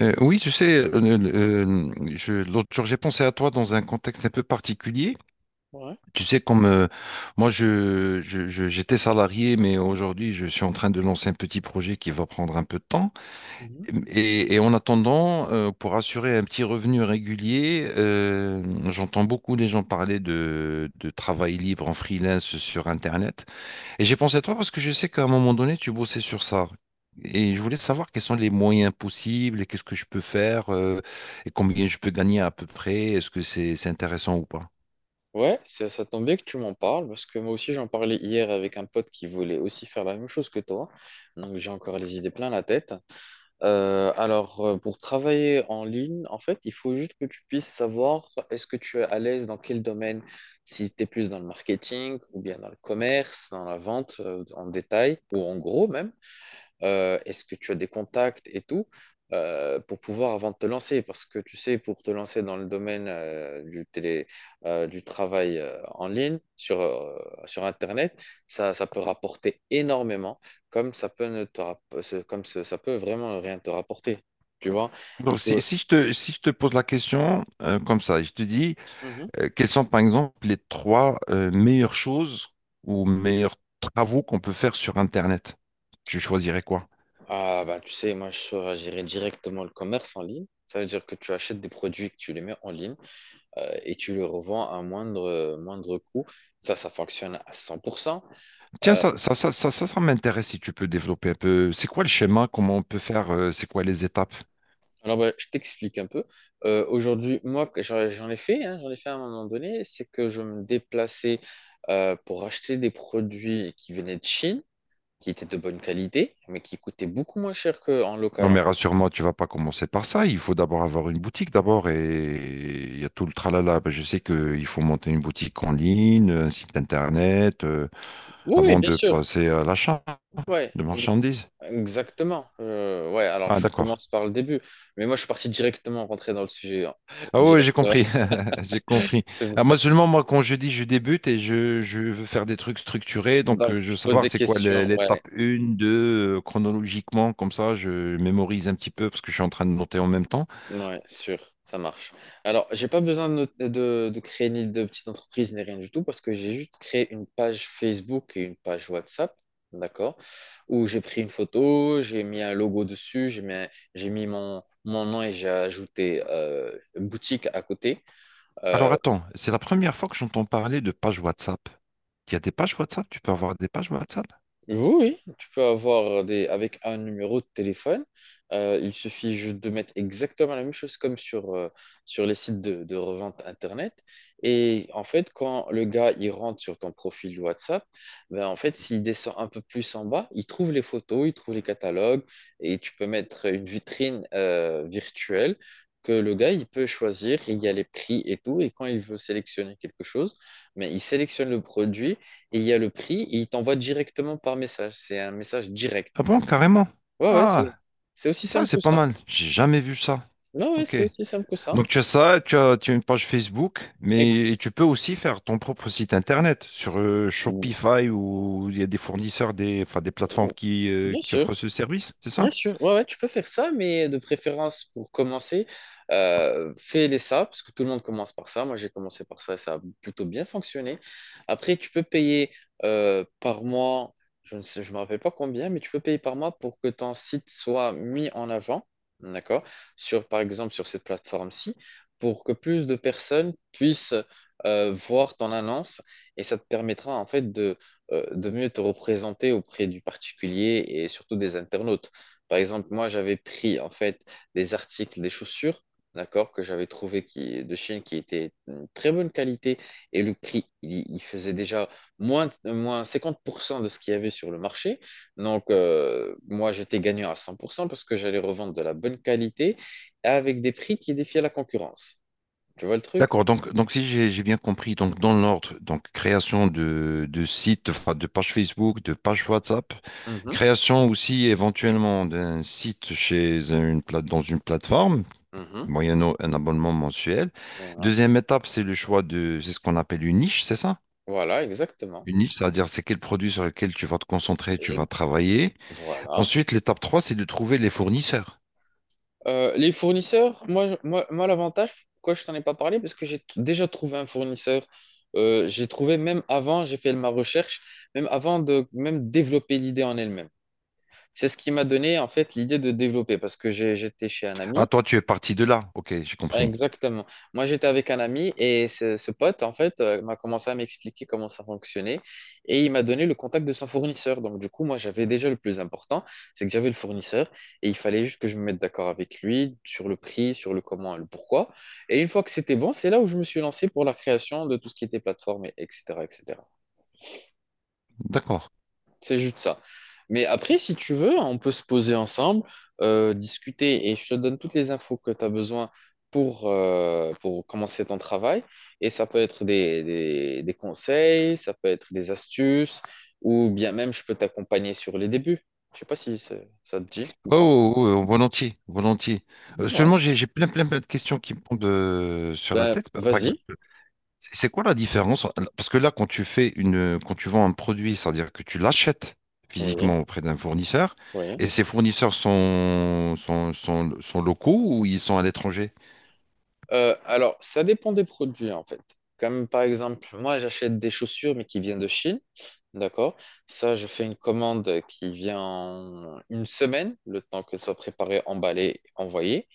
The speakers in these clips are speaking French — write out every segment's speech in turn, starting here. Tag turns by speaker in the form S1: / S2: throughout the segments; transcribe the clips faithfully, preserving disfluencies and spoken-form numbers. S1: Euh, oui, tu sais, euh, euh, euh, je, l'autre jour, j'ai pensé à toi dans un contexte un peu particulier.
S2: Ouais.
S1: Tu sais, comme euh, moi, je, je- je- j'étais salarié, mais aujourd'hui, je suis en train de lancer un petit projet qui va prendre un peu de temps.
S2: Mhm.
S1: Et, et en attendant, euh, pour assurer un petit revenu régulier, euh, j'entends beaucoup les gens parler de, de travail libre en freelance sur Internet. Et j'ai pensé à toi parce que je sais qu'à un moment donné, tu bossais sur ça. Et je voulais savoir quels sont les moyens possibles et qu'est-ce que je peux faire euh, et combien je peux gagner à peu près. Est-ce que c'est c'est intéressant ou pas?
S2: Ouais, ça, ça tombe bien que tu m'en parles parce que moi aussi j'en parlais hier avec un pote qui voulait aussi faire la même chose que toi. Donc j'ai encore les idées plein la tête. Euh, alors euh, pour travailler en ligne, en fait, il faut juste que tu puisses savoir est-ce que tu es à l'aise dans quel domaine, si tu es plus dans le marketing ou bien dans le commerce, dans la vente euh, en détail ou en gros même. Euh, est-ce que tu as des contacts et tout euh, pour pouvoir avant de te lancer parce que tu sais pour te lancer dans le domaine euh, du télé euh, du travail euh, en ligne sur euh, sur Internet ça, ça peut rapporter énormément comme ça peut ne te rapp- ce- comme ce- ça peut vraiment rien te rapporter, tu vois, il
S1: Donc, si,
S2: faut…
S1: si je te, si je te pose la question euh, comme ça, je te dis
S2: Mhm.
S1: euh, quelles sont par exemple les trois euh, meilleures choses ou meilleurs travaux qu'on peut faire sur Internet. Tu choisirais quoi?
S2: Ah bah tu sais moi je choisirais directement le commerce en ligne, ça veut dire que tu achètes des produits que tu les mets en ligne euh, et tu le revends à un moindre, euh, moindre coût. Ça, ça fonctionne à cent pour cent.
S1: Tiens,
S2: Euh,
S1: ça, ça, ça, ça, ça, ça m'intéresse si tu peux développer un peu. C'est quoi le schéma? Comment on peut faire? euh, C'est quoi les étapes?
S2: alors, bah, je t'explique un peu. Euh, aujourd'hui, moi, que j'en j'en ai fait, hein, j'en ai fait à un moment donné, c'est que je me déplaçais euh, pour acheter des produits qui venaient de Chine, qui étaient de bonne qualité, mais qui coûtaient beaucoup moins cher qu'en local,
S1: Non,
S2: en
S1: mais
S2: France.
S1: rassure-moi, tu vas pas commencer par ça. Il faut d'abord avoir une boutique d'abord et il y a tout le tralala. Ben, je sais qu'il faut monter une boutique en ligne, un site internet, euh,
S2: Oui, oui,
S1: avant
S2: bien
S1: de
S2: sûr.
S1: passer à l'achat
S2: Ouais,
S1: de
S2: ex-
S1: marchandises.
S2: Exactement. Euh, ouais, alors
S1: Ah,
S2: je
S1: d'accord.
S2: commence par le début. Mais moi, je suis parti directement rentrer dans le sujet, hein,
S1: Ah oui, j'ai
S2: directement.
S1: compris. J'ai compris.
S2: C'est pour
S1: Ah,
S2: ça.
S1: moi seulement, moi, quand je dis je débute et je, je veux faire des trucs structurés, donc
S2: Donc,
S1: euh, je veux
S2: je pose
S1: savoir
S2: des
S1: c'est quoi
S2: questions,
S1: l'é-
S2: ouais,
S1: l'étape un, deux, euh, chronologiquement, comme ça, je mémorise un petit peu parce que je suis en train de noter en même temps.
S2: ouais, sûr, ça marche. Alors, j'ai pas besoin de, not- de, de créer ni de petite entreprise ni rien du tout parce que j'ai juste créé une page Facebook et une page WhatsApp, d'accord, où j'ai pris une photo, j'ai mis un logo dessus, j'ai mis, un- j'ai mis mon, mon nom et j'ai ajouté euh, boutique à côté. euh,
S1: Alors attends, c'est la première fois que j'entends parler de page WhatsApp. Il y a des pages WhatsApp? Tu peux avoir des pages WhatsApp?
S2: Oui, oui, tu peux avoir des avec un numéro de téléphone. Euh, il suffit juste de mettre exactement la même chose comme sur, euh, sur les sites de, de revente Internet. Et en fait, quand le gars il rentre sur ton profil WhatsApp, ben en fait, s'il descend un peu plus en bas, il trouve les photos, il trouve les catalogues et tu peux mettre une vitrine euh, virtuelle que le gars il peut choisir. Et il y a les prix et tout. Et quand il veut sélectionner quelque chose, mais il sélectionne le produit et il y a le prix, et il t'envoie directement par message. C'est un message
S1: Ah
S2: direct.
S1: bon, carrément.
S2: Ouais, ouais, c'est
S1: Ah,
S2: c'est aussi
S1: ça
S2: simple
S1: c'est
S2: que
S1: pas
S2: ça.
S1: mal. J'ai jamais vu ça.
S2: Non, ouais,
S1: Ok.
S2: c'est aussi simple que ça.
S1: Donc tu as ça, tu as, tu as une page Facebook,
S2: Et-
S1: mais et tu peux aussi faire ton propre site internet sur euh, Shopify ou il y a des fournisseurs, des, enfin, des plateformes qui, euh,
S2: Bien
S1: qui
S2: sûr.
S1: offrent ce service, c'est
S2: Bien
S1: ça?
S2: sûr, ouais, ouais, tu peux faire ça, mais de préférence pour commencer, euh, fais-les ça, parce que tout le monde commence par ça. Moi, j'ai commencé par ça et ça a plutôt bien fonctionné. Après, tu peux payer euh, par mois, je ne sais, je me rappelle pas combien, mais tu peux payer par mois pour que ton site soit mis en avant, d'accord? Sur, par exemple, sur cette plateforme-ci, pour que plus de personnes puissent euh, voir ton annonce et ça te permettra en fait de, euh, de mieux te représenter auprès du particulier et surtout des internautes. Par exemple, moi, j'avais pris en fait des articles, des chaussures, d'accord, que j'avais trouvé qui, de Chine qui étaient de très bonne qualité et le prix, il, il faisait déjà moins, moins cinquante pour cent de ce qu'il y avait sur le marché. Donc, euh, moi, j'étais gagnant à cent pour cent parce que j'allais revendre de la bonne qualité avec des prix qui défiaient la concurrence. Tu vois le truc?
S1: D'accord, donc, donc si j'ai j'ai bien compris, donc dans l'ordre, donc création de, de sites, enfin, de page Facebook, de page WhatsApp,
S2: Mhm,
S1: création aussi éventuellement d'un site chez une plate, dans une plateforme,
S2: mhm,
S1: moyennant un abonnement mensuel.
S2: voilà.
S1: Deuxième étape, c'est le choix de, c'est ce qu'on appelle une niche, c'est ça?
S2: Voilà, exactement.
S1: Une niche, c'est-à-dire c'est quel produit sur lequel tu vas te concentrer, tu
S2: Et
S1: vas travailler.
S2: voilà.
S1: Ensuite, l'étape trois, c'est de trouver les fournisseurs.
S2: Euh, les fournisseurs, moi, moi, moi l'avantage, pourquoi je t'en ai pas parlé, parce que j'ai t- déjà trouvé un fournisseur. Euh, j'ai trouvé même avant, j'ai fait ma recherche, même avant de même développer l'idée en elle-même. C'est ce qui m'a donné en fait l'idée de développer, parce que j'ai- j'étais chez un
S1: Ah,
S2: ami…
S1: toi, tu es parti de là. Ok, j'ai compris.
S2: Exactement. Moi, j'étais avec un ami et ce, ce pote, en fait, euh, m'a commencé à m'expliquer comment ça fonctionnait et il m'a donné le contact de son fournisseur. Donc, du coup, moi, j'avais déjà le plus important, c'est que j'avais le fournisseur et il fallait juste que je me mette d'accord avec lui sur le prix, sur le comment et le pourquoi. Et une fois que c'était bon, c'est là où je me suis lancé pour la création de tout ce qui était plateforme, et etc., et cætera.
S1: D'accord.
S2: C'est juste ça. Mais après, si tu veux, on peut se poser ensemble, euh, discuter et je te donne toutes les infos que tu as besoin pour, euh, pour commencer ton travail. Et ça peut être des, des- des conseils, ça peut être des astuces, ou bien même je peux t'accompagner sur les débuts. Je sais pas si ça ça te dit ou pas.
S1: Oh, oh, oh, volontiers, volontiers. Euh,
S2: Ouais.
S1: seulement, j'ai j'ai plein, plein, plein de questions qui me tombent euh, sur la
S2: Ben,
S1: tête. Par exemple,
S2: vas-y.
S1: c'est c'est quoi la différence? Parce que là, quand tu fais une, quand tu vends un produit, c'est-à-dire que tu l'achètes
S2: Oui,
S1: physiquement auprès d'un fournisseur,
S2: oui.
S1: et ces fournisseurs sont, sont, sont, sont locaux ou ils sont à l'étranger?
S2: Euh, alors, ça dépend des produits en fait. Comme par exemple, moi j'achète des chaussures mais qui viennent de Chine, d'accord? Ça, je fais une commande qui vient en une semaine, le temps qu'elle soit préparée, emballée, envoyée.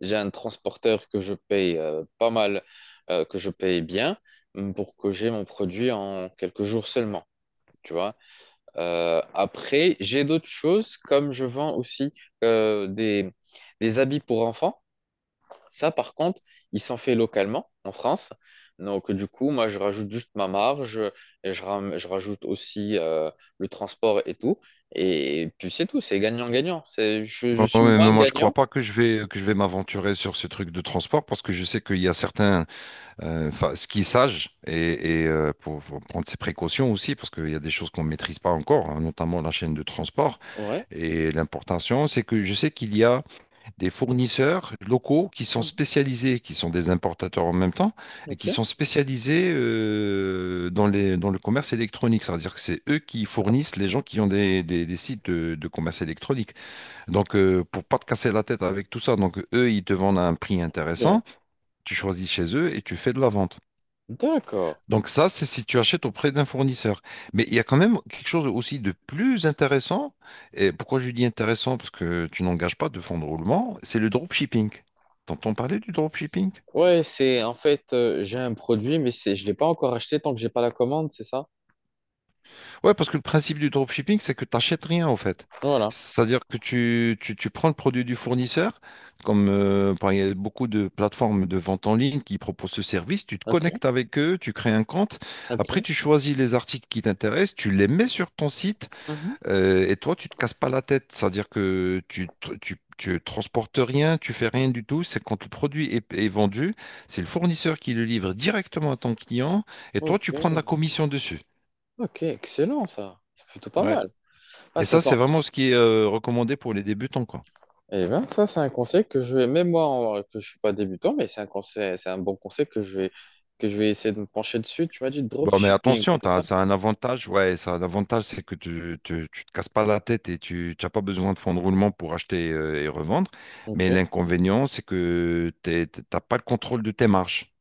S2: J'ai un transporteur que je paye euh, pas mal, euh, que je paye bien, mm, pour que j'ai mon produit en quelques jours seulement. Tu vois. Euh, après, j'ai d'autres choses, comme je vends aussi euh, des, des habits pour enfants. Ça, par contre, il s'en fait localement en France. Donc, du coup, moi, je rajoute juste ma marge et je, ram- je rajoute aussi euh, le transport et tout. Et puis, c'est tout, c'est gagnant-gagnant. C'est, je, je
S1: Oh, oh,
S2: suis
S1: mais
S2: moins
S1: moi, je
S2: gagnant.
S1: crois pas que je vais que je vais m'aventurer sur ce truc de transport parce que je sais qu'il y a certains, euh, enfin, ce qui est sage et, et, euh, pour, pour prendre ses précautions aussi parce qu'il y a des choses qu'on maîtrise pas encore, hein, notamment la chaîne de transport
S2: Ouais.
S1: et l'importation. C'est que je sais qu'il y a des fournisseurs locaux qui sont
S2: Mhm.
S1: spécialisés, qui sont des importateurs en même temps et qui
S2: Ok.
S1: sont spécialisés euh, dans les dans le commerce électronique. C'est-à-dire que c'est eux qui fournissent les gens qui ont des, des, des sites de de commerce électronique. Donc, euh, pour pas te casser la tête avec tout ça, donc eux, ils te vendent à un prix
S2: Ok.
S1: intéressant, tu choisis chez eux et tu fais de la vente.
S2: D'accord.
S1: Donc ça, c'est si tu achètes auprès d'un fournisseur. Mais il y a quand même quelque chose aussi de plus intéressant. Et pourquoi je dis intéressant? Parce que tu n'engages pas de fonds de roulement, c'est le dropshipping. T'entends parler du dropshipping?
S2: Ouais, c'est en fait, euh, j'ai un produit, mais c'est, je ne l'ai pas encore acheté tant que j'ai pas la commande, c'est ça?
S1: Ouais, parce que le principe du dropshipping, c'est que tu n'achètes rien en fait.
S2: Voilà.
S1: C'est-à-dire que tu, tu, tu prends le produit du fournisseur, comme euh, par- il y a beaucoup de plateformes de vente en ligne qui proposent ce service, tu te
S2: Ok.
S1: connectes avec eux, tu crées un compte,
S2: Ok.
S1: après tu choisis les articles qui t'intéressent, tu les mets sur ton site
S2: Mhm.
S1: euh, et toi tu te casses pas la tête. C'est-à-dire que tu, tr- tu, tu transportes rien, tu fais rien du tout. C'est quand le produit est, est vendu, c'est le fournisseur qui le livre directement à ton client et toi
S2: Ok.
S1: tu prends de la commission dessus.
S2: Ok. Excellent, ça. C'est plutôt pas
S1: Ouais.
S2: mal. Ah,
S1: Et
S2: ça…
S1: ça, c'est vraiment ce qui est euh, recommandé pour les débutants, quoi.
S2: Eh bien, ça, c'est un conseil que je vais, même moi, en- que je suis pas débutant, mais c'est un conseil, c'est un bon conseil que je vais, que je vais essayer de me pencher dessus. Tu m'as dit
S1: Bon, mais
S2: dropshipping,
S1: attention,
S2: c'est
S1: t'as,
S2: ça?
S1: ça a un avantage, ouais, ça a un avantage, c'est que tu, tu, tu te casses pas la tête et tu n'as pas besoin de fonds de roulement pour acheter euh, et revendre. Mais
S2: Ok.
S1: l'inconvénient, c'est que t'es- t'as pas le contrôle de tes marges.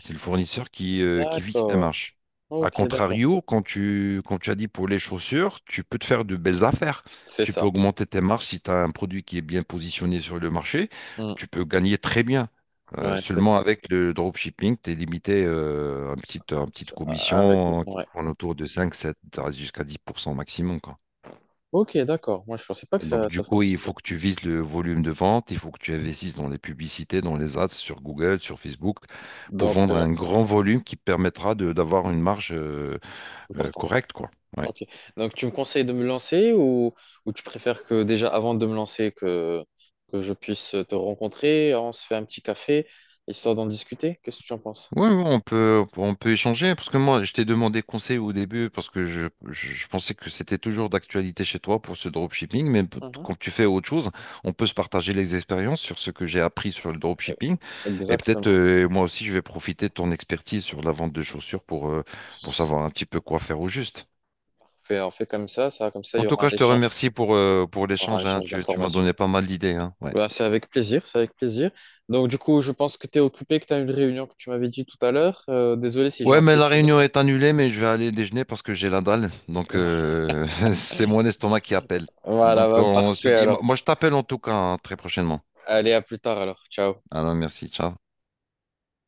S1: C'est le fournisseur qui, euh, qui fixe la
S2: D'accord.
S1: marge. A
S2: Ok, d'accord.
S1: contrario, quand tu, quand tu as dit pour les chaussures, tu peux te faire de belles affaires.
S2: C'est
S1: Tu peux
S2: ça.
S1: augmenter tes marges si tu as un produit qui est bien positionné sur le marché.
S2: Hmm.
S1: Tu peux gagner très bien. Euh,
S2: Ouais, c'est
S1: seulement
S2: ça.
S1: avec le dropshipping, tu es limité euh, à une petite, à une petite
S2: Ça, avec le…
S1: commission qui
S2: Ouais.
S1: tourne autour de cinq, sept, jusqu'à dix pour cent maximum, quoi.
S2: Ok, d'accord. Moi, je pensais pas que
S1: Donc,
S2: ça,
S1: du
S2: ça
S1: coup, il faut
S2: fonctionnait
S1: que
S2: comme
S1: tu
S2: ça.
S1: vises le volume de vente, il faut que tu investisses dans les publicités, dans les ads sur Google, sur Facebook, pour
S2: Donc,
S1: vendre
S2: euh,
S1: un grand volume qui te permettra de- d'avoir une marge euh, euh,
S2: Importante.
S1: correcte, quoi. Ouais.
S2: Ok. Donc, tu me conseilles de me lancer ou, ou tu préfères que déjà, avant de me lancer, que, que je puisse te rencontrer, on se fait un petit café, histoire d'en discuter? Qu'est-ce que tu en penses?
S1: Ouais, ouais, on peut, on peut échanger, parce que moi, je t'ai demandé conseil au début, parce que je, je, je pensais que c'était toujours d'actualité chez toi pour ce dropshipping, mais p-
S2: Mhm.
S1: quand tu fais autre chose, on peut se partager les expériences sur ce que j'ai appris sur le
S2: Euh,
S1: dropshipping, et peut-être
S2: Exactement.
S1: euh, moi aussi, je vais profiter de ton expertise sur la vente de chaussures pour, euh, pour savoir un petit peu quoi faire au juste.
S2: Fait- on fait comme ça, ça, comme ça, il
S1: En
S2: y
S1: tout
S2: aura
S1: cas,
S2: un
S1: je te
S2: échange,
S1: remercie pour, euh, pour
S2: il y aura un
S1: l'échange, hein.
S2: échange
S1: Tu, tu m'as
S2: d'informations.
S1: donné pas mal d'idées, hein. Ouais.
S2: Bah, c'est avec plaisir, c'est avec plaisir. Donc, du coup, je pense que tu es occupé, que tu as une réunion que tu m'avais dit tout à l'heure. Euh, désolé si j'ai
S1: Ouais, mais la
S2: empiétiné.
S1: réunion est annulée, mais je vais aller déjeuner parce que j'ai la dalle. Donc, euh, c'est mon estomac qui appelle.
S2: Voilà,
S1: Donc,
S2: bah,
S1: on se
S2: parfait
S1: dit,
S2: alors.
S1: moi, je t'appelle en tout cas hein, très prochainement.
S2: Allez, à plus tard alors. Ciao.
S1: Alors, merci, ciao.